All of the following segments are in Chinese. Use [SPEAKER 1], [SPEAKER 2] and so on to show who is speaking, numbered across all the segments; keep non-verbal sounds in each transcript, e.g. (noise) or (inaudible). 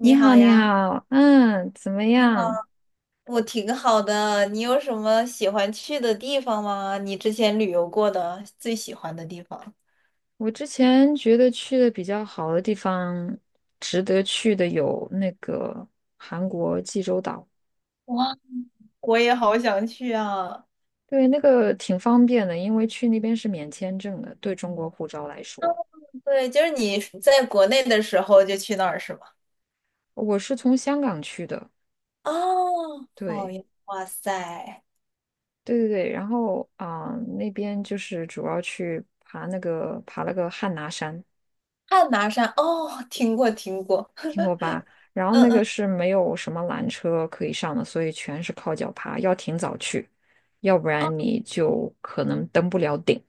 [SPEAKER 1] 你
[SPEAKER 2] 你
[SPEAKER 1] 好，
[SPEAKER 2] 好
[SPEAKER 1] 你
[SPEAKER 2] 呀，
[SPEAKER 1] 好，嗯，怎么
[SPEAKER 2] 你好，
[SPEAKER 1] 样？
[SPEAKER 2] 我挺好的。你有什么喜欢去的地方吗？你之前旅游过的最喜欢的地方？
[SPEAKER 1] 我之前觉得去的比较好的地方，值得去的有那个韩国济州岛，
[SPEAKER 2] 哇，我也好想去啊！
[SPEAKER 1] 对，那个挺方便的，因为去那边是免签证的，对中国护照来
[SPEAKER 2] 嗯
[SPEAKER 1] 说，
[SPEAKER 2] 对，就是你在国内的时候就去那儿是吗？
[SPEAKER 1] 我是从香港去的，
[SPEAKER 2] 哦，好
[SPEAKER 1] 对，
[SPEAKER 2] 呀，哇塞，
[SPEAKER 1] 对对对，然后那边就是主要去爬了个汉拿山，
[SPEAKER 2] 汉拿山哦，听过听过，
[SPEAKER 1] 听过吧？然后
[SPEAKER 2] 嗯
[SPEAKER 1] 那个
[SPEAKER 2] 嗯，
[SPEAKER 1] 是没有什么缆车可以上的，所以全是靠脚爬，要挺早去，要不然你就可能登不了顶。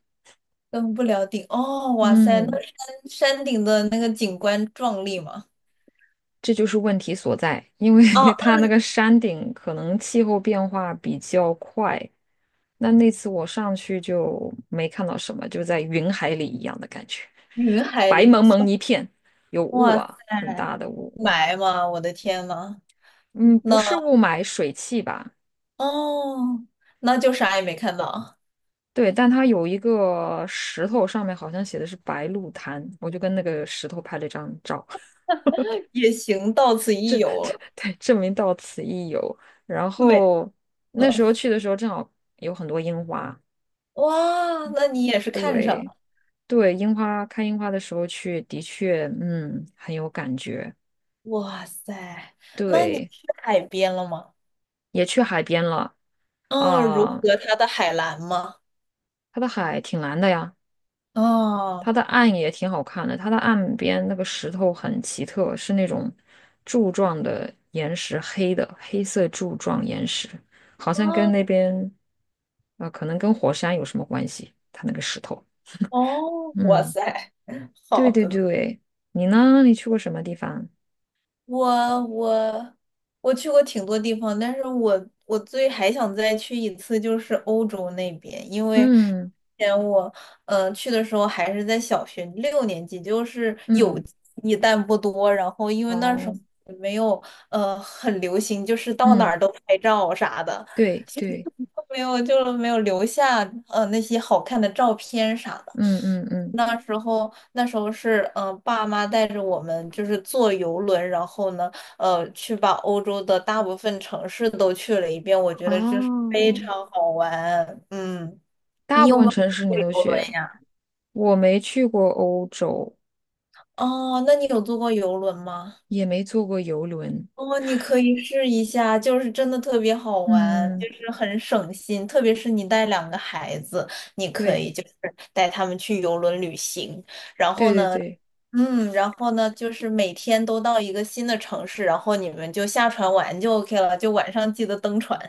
[SPEAKER 2] 登不了顶哦，哇塞，那
[SPEAKER 1] 嗯，
[SPEAKER 2] 山山顶的那个景观壮丽吗？
[SPEAKER 1] 这就是问题所在，因为
[SPEAKER 2] 哦，
[SPEAKER 1] (laughs) 它那个山顶可能气候变化比较快。那次我上去就没看到什么，就在云海里一样的感觉，
[SPEAKER 2] 云海
[SPEAKER 1] 白
[SPEAKER 2] 里，
[SPEAKER 1] 蒙蒙一片，有雾
[SPEAKER 2] 哇塞，
[SPEAKER 1] 啊，很大的雾。
[SPEAKER 2] 雾霾吗？我的天呐！
[SPEAKER 1] 嗯，不是
[SPEAKER 2] 那
[SPEAKER 1] 雾霾，水汽吧？
[SPEAKER 2] 哦，那就啥也没看到，
[SPEAKER 1] 对，但它有一个石头，上面好像写的是白鹿潭，我就跟那个石头拍了一张照，
[SPEAKER 2] 也行，到此
[SPEAKER 1] (laughs) 这
[SPEAKER 2] 一游
[SPEAKER 1] 这
[SPEAKER 2] 了，
[SPEAKER 1] 对，证明到此一游。然
[SPEAKER 2] 没
[SPEAKER 1] 后那时
[SPEAKER 2] 了
[SPEAKER 1] 候去的时候，正好有很多樱花，
[SPEAKER 2] 哇，那你也是看上
[SPEAKER 1] 对
[SPEAKER 2] 了，
[SPEAKER 1] 对，看樱花的时候去，的确，嗯，很有感觉。
[SPEAKER 2] 哇塞，那你
[SPEAKER 1] 对，
[SPEAKER 2] 去海边了吗？
[SPEAKER 1] 也去海边了，
[SPEAKER 2] 嗯，如
[SPEAKER 1] 啊、
[SPEAKER 2] 何它的海蓝吗？
[SPEAKER 1] 它的海挺蓝的呀。它
[SPEAKER 2] 哦，
[SPEAKER 1] 的岸也挺好看的，它的岸边那个石头很奇特，是那种柱状的岩石，黑的，黑色柱状岩石，好像跟
[SPEAKER 2] 哦，
[SPEAKER 1] 那边，可能跟火山有什么关系？它那个石头，
[SPEAKER 2] 哦，哇
[SPEAKER 1] 嗯，
[SPEAKER 2] 塞，
[SPEAKER 1] 对
[SPEAKER 2] 好
[SPEAKER 1] 对
[SPEAKER 2] 的呢。
[SPEAKER 1] 对，你呢？你去过什么地方？
[SPEAKER 2] 我我我去过挺多地方，但是我最还想再去一次就是欧洲那边，因为之
[SPEAKER 1] 嗯
[SPEAKER 2] 前我去的时候还是在小学六年级，就是有
[SPEAKER 1] 嗯，
[SPEAKER 2] 记忆但不多，然后因为那时候
[SPEAKER 1] 哦，
[SPEAKER 2] 也没有很流行，就是到哪
[SPEAKER 1] 嗯，
[SPEAKER 2] 儿都拍照啥的，
[SPEAKER 1] 对对，
[SPEAKER 2] (laughs) 没有就没有留下那些好看的照片啥的。
[SPEAKER 1] 嗯嗯嗯，
[SPEAKER 2] 那时候是，爸妈带着我们就是坐游轮，然后呢，去把欧洲的大部分城市都去了一遍，我觉得这是非
[SPEAKER 1] 哦，
[SPEAKER 2] 常好玩。嗯，
[SPEAKER 1] 大
[SPEAKER 2] 你
[SPEAKER 1] 部
[SPEAKER 2] 有没
[SPEAKER 1] 分
[SPEAKER 2] 有
[SPEAKER 1] 城市
[SPEAKER 2] 坐
[SPEAKER 1] 你
[SPEAKER 2] 过
[SPEAKER 1] 都
[SPEAKER 2] 游轮
[SPEAKER 1] 去，
[SPEAKER 2] 呀？
[SPEAKER 1] 我没去过欧洲，
[SPEAKER 2] 哦，那你有坐过游轮吗？
[SPEAKER 1] 也没坐过游轮。
[SPEAKER 2] 哦，你可以试一下，就是真的特别好玩，
[SPEAKER 1] 嗯，
[SPEAKER 2] 就是很省心，特别是你带两个孩子，你可
[SPEAKER 1] 对
[SPEAKER 2] 以就是带他们去游轮旅行，然
[SPEAKER 1] 对
[SPEAKER 2] 后
[SPEAKER 1] 对
[SPEAKER 2] 呢，
[SPEAKER 1] 对，
[SPEAKER 2] 嗯，然后呢，就是每天都到一个新的城市，然后你们就下船玩就 OK 了，就晚上记得登船。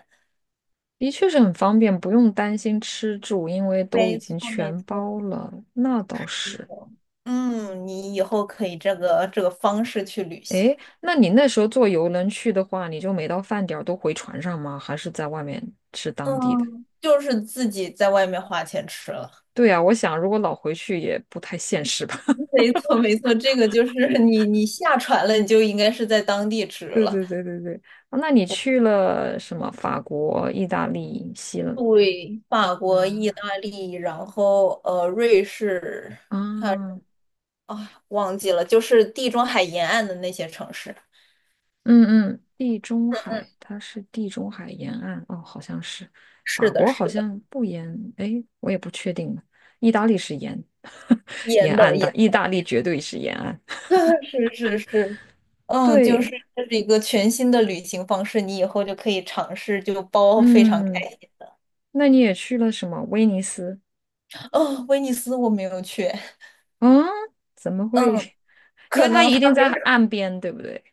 [SPEAKER 1] 的确是很方便，不用担心吃住，因为都已
[SPEAKER 2] 没
[SPEAKER 1] 经
[SPEAKER 2] 错，没
[SPEAKER 1] 全
[SPEAKER 2] 错，
[SPEAKER 1] 包了。那倒
[SPEAKER 2] 是
[SPEAKER 1] 是。
[SPEAKER 2] 的。你以后可以这个方式去旅行，
[SPEAKER 1] 诶，那你那时候坐游轮去的话，你就每到饭点儿都回船上吗？还是在外面吃当地的？
[SPEAKER 2] 嗯，就是自己在外面花钱吃了。
[SPEAKER 1] 对啊，我想如果老回去也不太现实吧。
[SPEAKER 2] 没错，没错，这个就是 (laughs) 你下船了，你就应该是在当地吃
[SPEAKER 1] (laughs) 对
[SPEAKER 2] 了。
[SPEAKER 1] 对对对对，啊那你去了什么？法国、意大利、希
[SPEAKER 2] 对，法国、意
[SPEAKER 1] 腊
[SPEAKER 2] 大利，然后瑞士
[SPEAKER 1] 啊？
[SPEAKER 2] 啊，忘记了，就是地中海沿岸的那些城市。
[SPEAKER 1] 嗯嗯，地中海，它是地中海沿岸哦，好像是
[SPEAKER 2] 是
[SPEAKER 1] 法
[SPEAKER 2] 的，
[SPEAKER 1] 国，
[SPEAKER 2] 是
[SPEAKER 1] 好
[SPEAKER 2] 的，
[SPEAKER 1] 像不沿，哎，我也不确定了。意大利是沿 (laughs) 沿
[SPEAKER 2] 沿的
[SPEAKER 1] 岸的，
[SPEAKER 2] 沿，
[SPEAKER 1] 意大利绝对是沿岸。
[SPEAKER 2] (laughs) 是是是，
[SPEAKER 1] (laughs)
[SPEAKER 2] 就是
[SPEAKER 1] 对，
[SPEAKER 2] 这是一个全新的旅行方式，你以后就可以尝试，就包非常开
[SPEAKER 1] 嗯，
[SPEAKER 2] 心。
[SPEAKER 1] 那你也去了什么？威尼斯？
[SPEAKER 2] 哦，威尼斯我没有去，
[SPEAKER 1] 嗯，怎么会？
[SPEAKER 2] 嗯，
[SPEAKER 1] (laughs) 因
[SPEAKER 2] 可
[SPEAKER 1] 为它
[SPEAKER 2] 能
[SPEAKER 1] 一
[SPEAKER 2] 他
[SPEAKER 1] 定
[SPEAKER 2] 没
[SPEAKER 1] 在
[SPEAKER 2] 有
[SPEAKER 1] 岸边，对不对？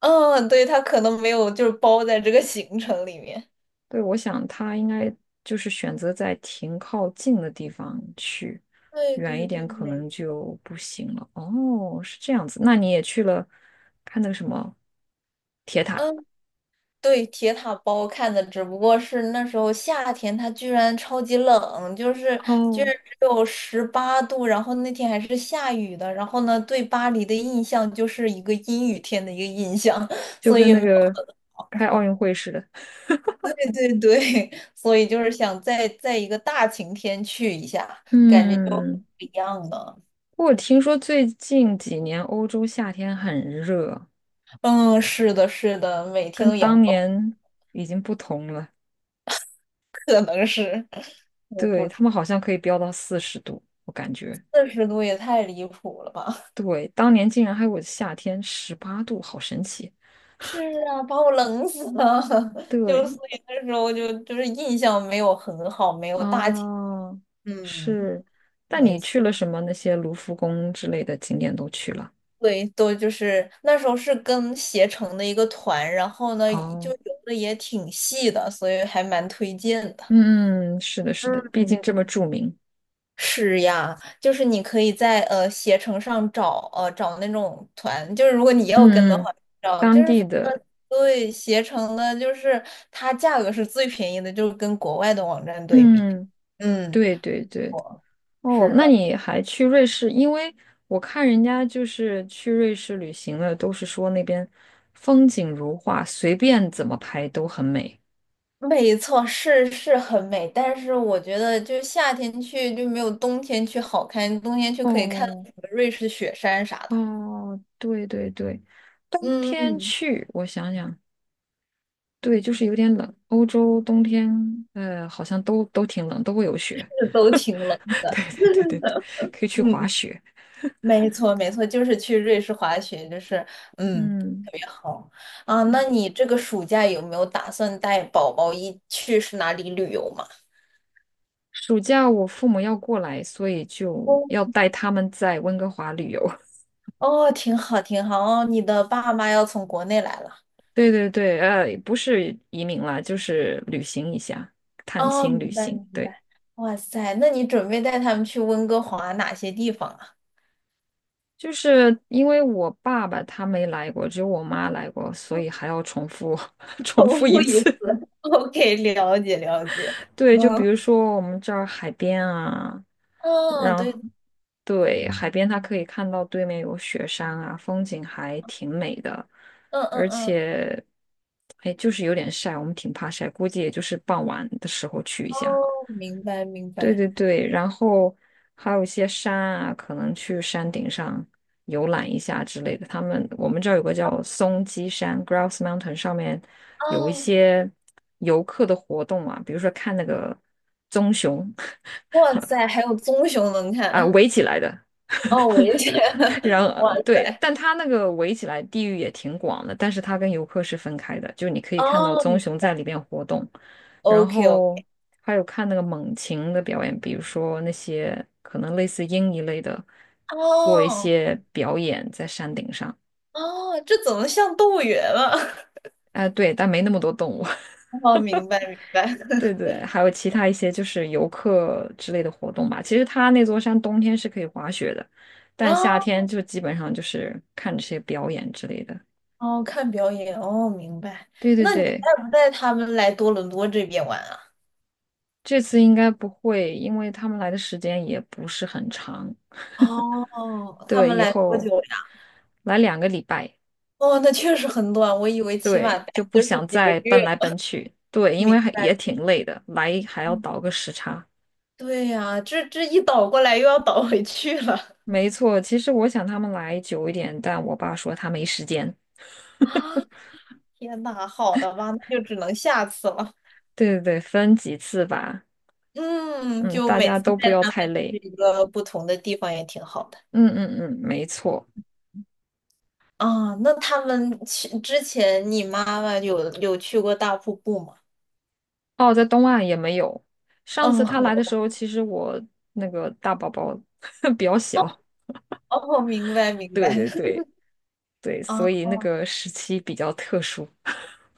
[SPEAKER 2] 嗯，对，他可能没有，就是包在这个行程里面。
[SPEAKER 1] 对，我想他应该就是选择在停靠近的地方去，
[SPEAKER 2] 对
[SPEAKER 1] 远
[SPEAKER 2] 对
[SPEAKER 1] 一点
[SPEAKER 2] 对，
[SPEAKER 1] 可
[SPEAKER 2] 美，
[SPEAKER 1] 能就不行了。哦，是这样子。那你也去了看那个什么铁塔？
[SPEAKER 2] 嗯，对，铁塔包看的，只不过是那时候夏天，它居然超级冷，就是居
[SPEAKER 1] 哦，
[SPEAKER 2] 然只有18度，然后那天还是下雨的，然后呢，对巴黎的印象就是一个阴雨天的一个印象，(laughs)
[SPEAKER 1] 就
[SPEAKER 2] 所以
[SPEAKER 1] 跟
[SPEAKER 2] 也
[SPEAKER 1] 那
[SPEAKER 2] 没有
[SPEAKER 1] 个开奥运会似的。(laughs)
[SPEAKER 2] 对对对，(laughs) 所以就是想再在一个大晴天去一下，感觉就不
[SPEAKER 1] 嗯，
[SPEAKER 2] 一样了。
[SPEAKER 1] 我听说最近几年欧洲夏天很热，
[SPEAKER 2] 嗯，是的，是的，每天
[SPEAKER 1] 跟
[SPEAKER 2] 都阳
[SPEAKER 1] 当
[SPEAKER 2] 光，
[SPEAKER 1] 年已经不同了。
[SPEAKER 2] 可能是，(laughs) 我
[SPEAKER 1] 对，
[SPEAKER 2] 不知，
[SPEAKER 1] 他们好像可以飙到40度，我感觉。
[SPEAKER 2] 40度也太离谱了吧。
[SPEAKER 1] 对，当年竟然还有夏天18度，好神奇。
[SPEAKER 2] 是啊，把我冷死了。(laughs) 就
[SPEAKER 1] 对，
[SPEAKER 2] 所以那时候就是印象没有很好，没有大起。
[SPEAKER 1] 啊，
[SPEAKER 2] 嗯，
[SPEAKER 1] 是。但
[SPEAKER 2] 没
[SPEAKER 1] 你
[SPEAKER 2] 错。
[SPEAKER 1] 去了什么那些卢浮宫之类的景点都去了？
[SPEAKER 2] 对，都就是那时候是跟携程的一个团，然后呢就
[SPEAKER 1] 哦，
[SPEAKER 2] 游的也挺细的，所以还蛮推荐的。
[SPEAKER 1] 嗯，是的，是的，毕竟
[SPEAKER 2] 嗯，
[SPEAKER 1] 这么著名。
[SPEAKER 2] 是呀，就是你可以在携程上找那种团，就是如果你要跟的话，
[SPEAKER 1] 嗯，
[SPEAKER 2] 找就
[SPEAKER 1] 当
[SPEAKER 2] 是
[SPEAKER 1] 地
[SPEAKER 2] 反
[SPEAKER 1] 的，
[SPEAKER 2] 正对携程的，就是它价格是最便宜的，就是跟国外的网站对比。
[SPEAKER 1] 嗯，
[SPEAKER 2] 嗯，
[SPEAKER 1] 对对对。哦，
[SPEAKER 2] 是
[SPEAKER 1] 那
[SPEAKER 2] 的，
[SPEAKER 1] 你还去瑞士？因为我看人家就是去瑞士旅行的，都是说那边风景如画，随便怎么拍都很美。
[SPEAKER 2] 没错，是很美，但是我觉得就夏天去就没有冬天去好看，冬天去可以看到
[SPEAKER 1] 哦，
[SPEAKER 2] 什么瑞士雪山啥的。
[SPEAKER 1] 哦，对对对，冬
[SPEAKER 2] 嗯
[SPEAKER 1] 天
[SPEAKER 2] 嗯，
[SPEAKER 1] 去，我想想，对，就是有点冷。欧洲冬天，好像都挺冷，都会有雪。
[SPEAKER 2] 是都挺冷
[SPEAKER 1] (laughs)
[SPEAKER 2] 的。
[SPEAKER 1] 对对对对对，可以去滑
[SPEAKER 2] 嗯，
[SPEAKER 1] 雪。
[SPEAKER 2] 没错没错，就是去瑞士滑雪，就是嗯。
[SPEAKER 1] 嗯
[SPEAKER 2] 好啊，那
[SPEAKER 1] 嗯，
[SPEAKER 2] 你这个暑假有没有打算带宝宝一去是哪里旅游嘛？
[SPEAKER 1] 暑假我父母要过来，所以就
[SPEAKER 2] 哦，
[SPEAKER 1] 要带他们在温哥华旅游。(laughs)
[SPEAKER 2] 哦，挺好，挺好。哦，你的爸妈要从国内来了。
[SPEAKER 1] 对对对，不是移民了，就是旅行一下，探
[SPEAKER 2] 哦，
[SPEAKER 1] 亲
[SPEAKER 2] 明
[SPEAKER 1] 旅
[SPEAKER 2] 白，
[SPEAKER 1] 行。
[SPEAKER 2] 明
[SPEAKER 1] 对。
[SPEAKER 2] 白。哇塞，那你准备带他们去温哥华哪些地方啊？
[SPEAKER 1] 就是因为我爸爸他没来过，只有我妈来过，所以还要重复 (laughs) 重
[SPEAKER 2] 重
[SPEAKER 1] 复一
[SPEAKER 2] 复一次。
[SPEAKER 1] 次。
[SPEAKER 2] (laughs) OK，了解，了解。
[SPEAKER 1] (laughs) 对，就比
[SPEAKER 2] 嗯，
[SPEAKER 1] 如说我们这儿海边啊，
[SPEAKER 2] 哦，
[SPEAKER 1] 然后
[SPEAKER 2] 对，
[SPEAKER 1] 对，海边，它可以看到对面有雪山啊，风景还挺美的，
[SPEAKER 2] 嗯嗯
[SPEAKER 1] 而
[SPEAKER 2] 嗯，
[SPEAKER 1] 且哎，就是有点晒，我们挺怕晒，估计也就是傍晚的时候去一
[SPEAKER 2] 哦，
[SPEAKER 1] 下。
[SPEAKER 2] 明白，明
[SPEAKER 1] 对
[SPEAKER 2] 白。
[SPEAKER 1] 对对，然后还有一些山啊，可能去山顶上游览一下之类的。我们这儿有个叫松鸡山 （Grouse Mountain），上面有一
[SPEAKER 2] 哦，
[SPEAKER 1] 些游客的活动嘛，比如说看那个棕熊
[SPEAKER 2] 哇塞，还有棕熊能
[SPEAKER 1] (laughs) 啊，
[SPEAKER 2] 看。
[SPEAKER 1] 围起来的，
[SPEAKER 2] 哦，我也觉得，
[SPEAKER 1] 然
[SPEAKER 2] (laughs)
[SPEAKER 1] 后
[SPEAKER 2] 哇
[SPEAKER 1] 对，
[SPEAKER 2] 塞。
[SPEAKER 1] 但它那个围起来地域也挺广的，但是它跟游客是分开的，就你可以看到
[SPEAKER 2] 哦，
[SPEAKER 1] 棕熊在里边活动，然
[SPEAKER 2] OK
[SPEAKER 1] 后
[SPEAKER 2] OK，
[SPEAKER 1] 还有看那个猛禽的表演，比如说那些可能类似鹰一类的，做一
[SPEAKER 2] 哦
[SPEAKER 1] 些表演在山顶上。
[SPEAKER 2] 哦，这怎么像动物园了？(laughs)
[SPEAKER 1] 哎，对，但没那么多动物。
[SPEAKER 2] 哦，明白明白。
[SPEAKER 1] (laughs) 对
[SPEAKER 2] (laughs)
[SPEAKER 1] 对，还有其他一些就是游客之类的活动吧。其实它那座山冬天是可以滑雪的，
[SPEAKER 2] 啊
[SPEAKER 1] 但夏天就基本上就是看这些表演之类的。
[SPEAKER 2] 哦，看表演哦，明白。
[SPEAKER 1] 对对
[SPEAKER 2] 那你带
[SPEAKER 1] 对，
[SPEAKER 2] 不带他们来多伦多这边玩啊？
[SPEAKER 1] 这次应该不会，因为他们来的时间也不是很长。
[SPEAKER 2] 哦，他
[SPEAKER 1] 对，
[SPEAKER 2] 们
[SPEAKER 1] 以
[SPEAKER 2] 来多久
[SPEAKER 1] 后
[SPEAKER 2] 呀？
[SPEAKER 1] 来2个礼拜，
[SPEAKER 2] 哦，那确实很短，我以为起码
[SPEAKER 1] 对，
[SPEAKER 2] 待
[SPEAKER 1] 就不
[SPEAKER 2] 就是
[SPEAKER 1] 想
[SPEAKER 2] 几个
[SPEAKER 1] 再
[SPEAKER 2] 月。
[SPEAKER 1] 奔来奔去。对，因为
[SPEAKER 2] 明
[SPEAKER 1] 还
[SPEAKER 2] 白。
[SPEAKER 1] 也挺累的，来还要
[SPEAKER 2] 嗯
[SPEAKER 1] 倒个时差。
[SPEAKER 2] 对呀，这一倒过来又要倒回去了。
[SPEAKER 1] 没错，其实我想他们来久一点，但我爸说他没时间。
[SPEAKER 2] (laughs) 啊，天呐，好的吧，那就只能下次了。
[SPEAKER 1] 对对对，分几次吧。
[SPEAKER 2] 嗯，
[SPEAKER 1] 嗯，
[SPEAKER 2] 就
[SPEAKER 1] 大
[SPEAKER 2] 每
[SPEAKER 1] 家
[SPEAKER 2] 次
[SPEAKER 1] 都不
[SPEAKER 2] 带
[SPEAKER 1] 要
[SPEAKER 2] 他们
[SPEAKER 1] 太
[SPEAKER 2] 去
[SPEAKER 1] 累。
[SPEAKER 2] 一个不同的地方也挺好的。
[SPEAKER 1] 嗯嗯嗯，没错。
[SPEAKER 2] 啊，那他们去之前，你妈妈有去过大瀑布吗？
[SPEAKER 1] 哦，在东岸也没有。上次
[SPEAKER 2] 嗯，好
[SPEAKER 1] 他来的时
[SPEAKER 2] 的，
[SPEAKER 1] 候，其实我那个大宝宝 (laughs) 比较小。
[SPEAKER 2] 哦，明白明
[SPEAKER 1] 对
[SPEAKER 2] 白，
[SPEAKER 1] 对
[SPEAKER 2] (laughs)
[SPEAKER 1] 对。对，所
[SPEAKER 2] 啊，
[SPEAKER 1] 以那个时期比较特殊。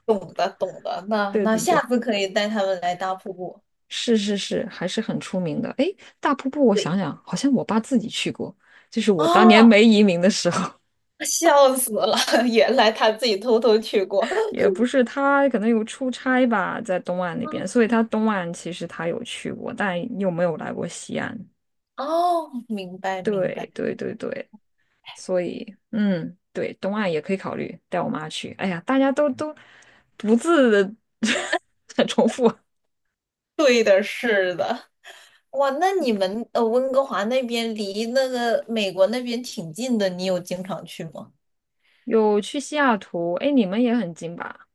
[SPEAKER 2] 懂的懂的，那
[SPEAKER 1] 对
[SPEAKER 2] 那
[SPEAKER 1] 对
[SPEAKER 2] 下
[SPEAKER 1] 对，
[SPEAKER 2] 次可以带他们来大瀑布。
[SPEAKER 1] 是是是，还是很出名的。哎，大瀑布，我
[SPEAKER 2] 对，
[SPEAKER 1] 想想，好像我爸自己去过，就是我当年
[SPEAKER 2] 啊，
[SPEAKER 1] 没移民的时候，
[SPEAKER 2] 笑死了，(laughs) 原来他自己偷偷去过。
[SPEAKER 1] (laughs) 也不是，他可能有出差吧，在东岸那边，
[SPEAKER 2] 啊
[SPEAKER 1] 所以他东岸其实他有去过，但又没有来过西岸。
[SPEAKER 2] 哦，明白明
[SPEAKER 1] 对
[SPEAKER 2] 白，
[SPEAKER 1] 对对对，所以嗯，对，东岸也可以考虑带我妈去。哎呀，大家都不自 (laughs) 很重复啊。
[SPEAKER 2] 对的。哇，那你们温哥华那边离那个美国那边挺近的，你有经常去吗？
[SPEAKER 1] 有去西雅图，哎，你们也很近吧？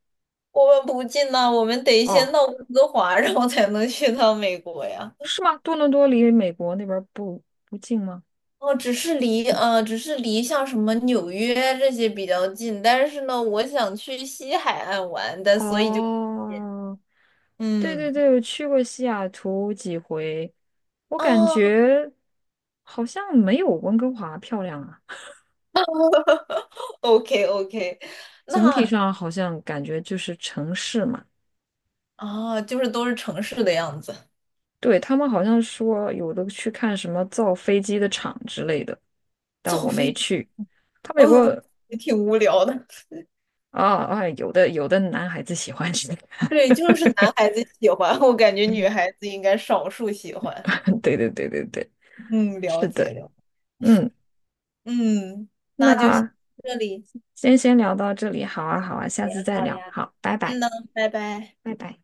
[SPEAKER 2] 我们不近呐，我们得先
[SPEAKER 1] 哦，
[SPEAKER 2] 到温哥华，然后才能去趟美国呀。
[SPEAKER 1] 是吗？多伦多离美国那边儿不近吗？
[SPEAKER 2] 哦，只是离像什么纽约这些比较近，但是呢，我想去西海岸玩但所以就
[SPEAKER 1] 哦，对对
[SPEAKER 2] 嗯
[SPEAKER 1] 对，我去过西雅图几回，我感
[SPEAKER 2] 啊
[SPEAKER 1] 觉好像没有温哥华漂亮啊。
[SPEAKER 2] o k OK，
[SPEAKER 1] 总体
[SPEAKER 2] 那
[SPEAKER 1] 上好像感觉就是城市嘛。
[SPEAKER 2] 啊，就是都是城市的样子，
[SPEAKER 1] 对，他们好像说有的去看什么造飞机的厂之类的，但
[SPEAKER 2] 造
[SPEAKER 1] 我
[SPEAKER 2] 飞
[SPEAKER 1] 没
[SPEAKER 2] 机，
[SPEAKER 1] 去。他们有
[SPEAKER 2] 嗯，
[SPEAKER 1] 个
[SPEAKER 2] 也挺无聊的。
[SPEAKER 1] 啊啊，有的男孩子喜欢去，
[SPEAKER 2] 对，就是男孩子喜欢，我感觉女孩子应该少数喜欢。
[SPEAKER 1] (laughs) 对对对对对，
[SPEAKER 2] 嗯，了
[SPEAKER 1] 是
[SPEAKER 2] 解
[SPEAKER 1] 的，
[SPEAKER 2] 了，
[SPEAKER 1] 嗯。
[SPEAKER 2] 嗯，
[SPEAKER 1] 那
[SPEAKER 2] 那就先到这里。
[SPEAKER 1] 先聊到这里，好啊，好啊，下次再
[SPEAKER 2] 好
[SPEAKER 1] 聊，
[SPEAKER 2] 呀，
[SPEAKER 1] 好，拜拜，
[SPEAKER 2] 嗯呢，拜拜。
[SPEAKER 1] 拜拜。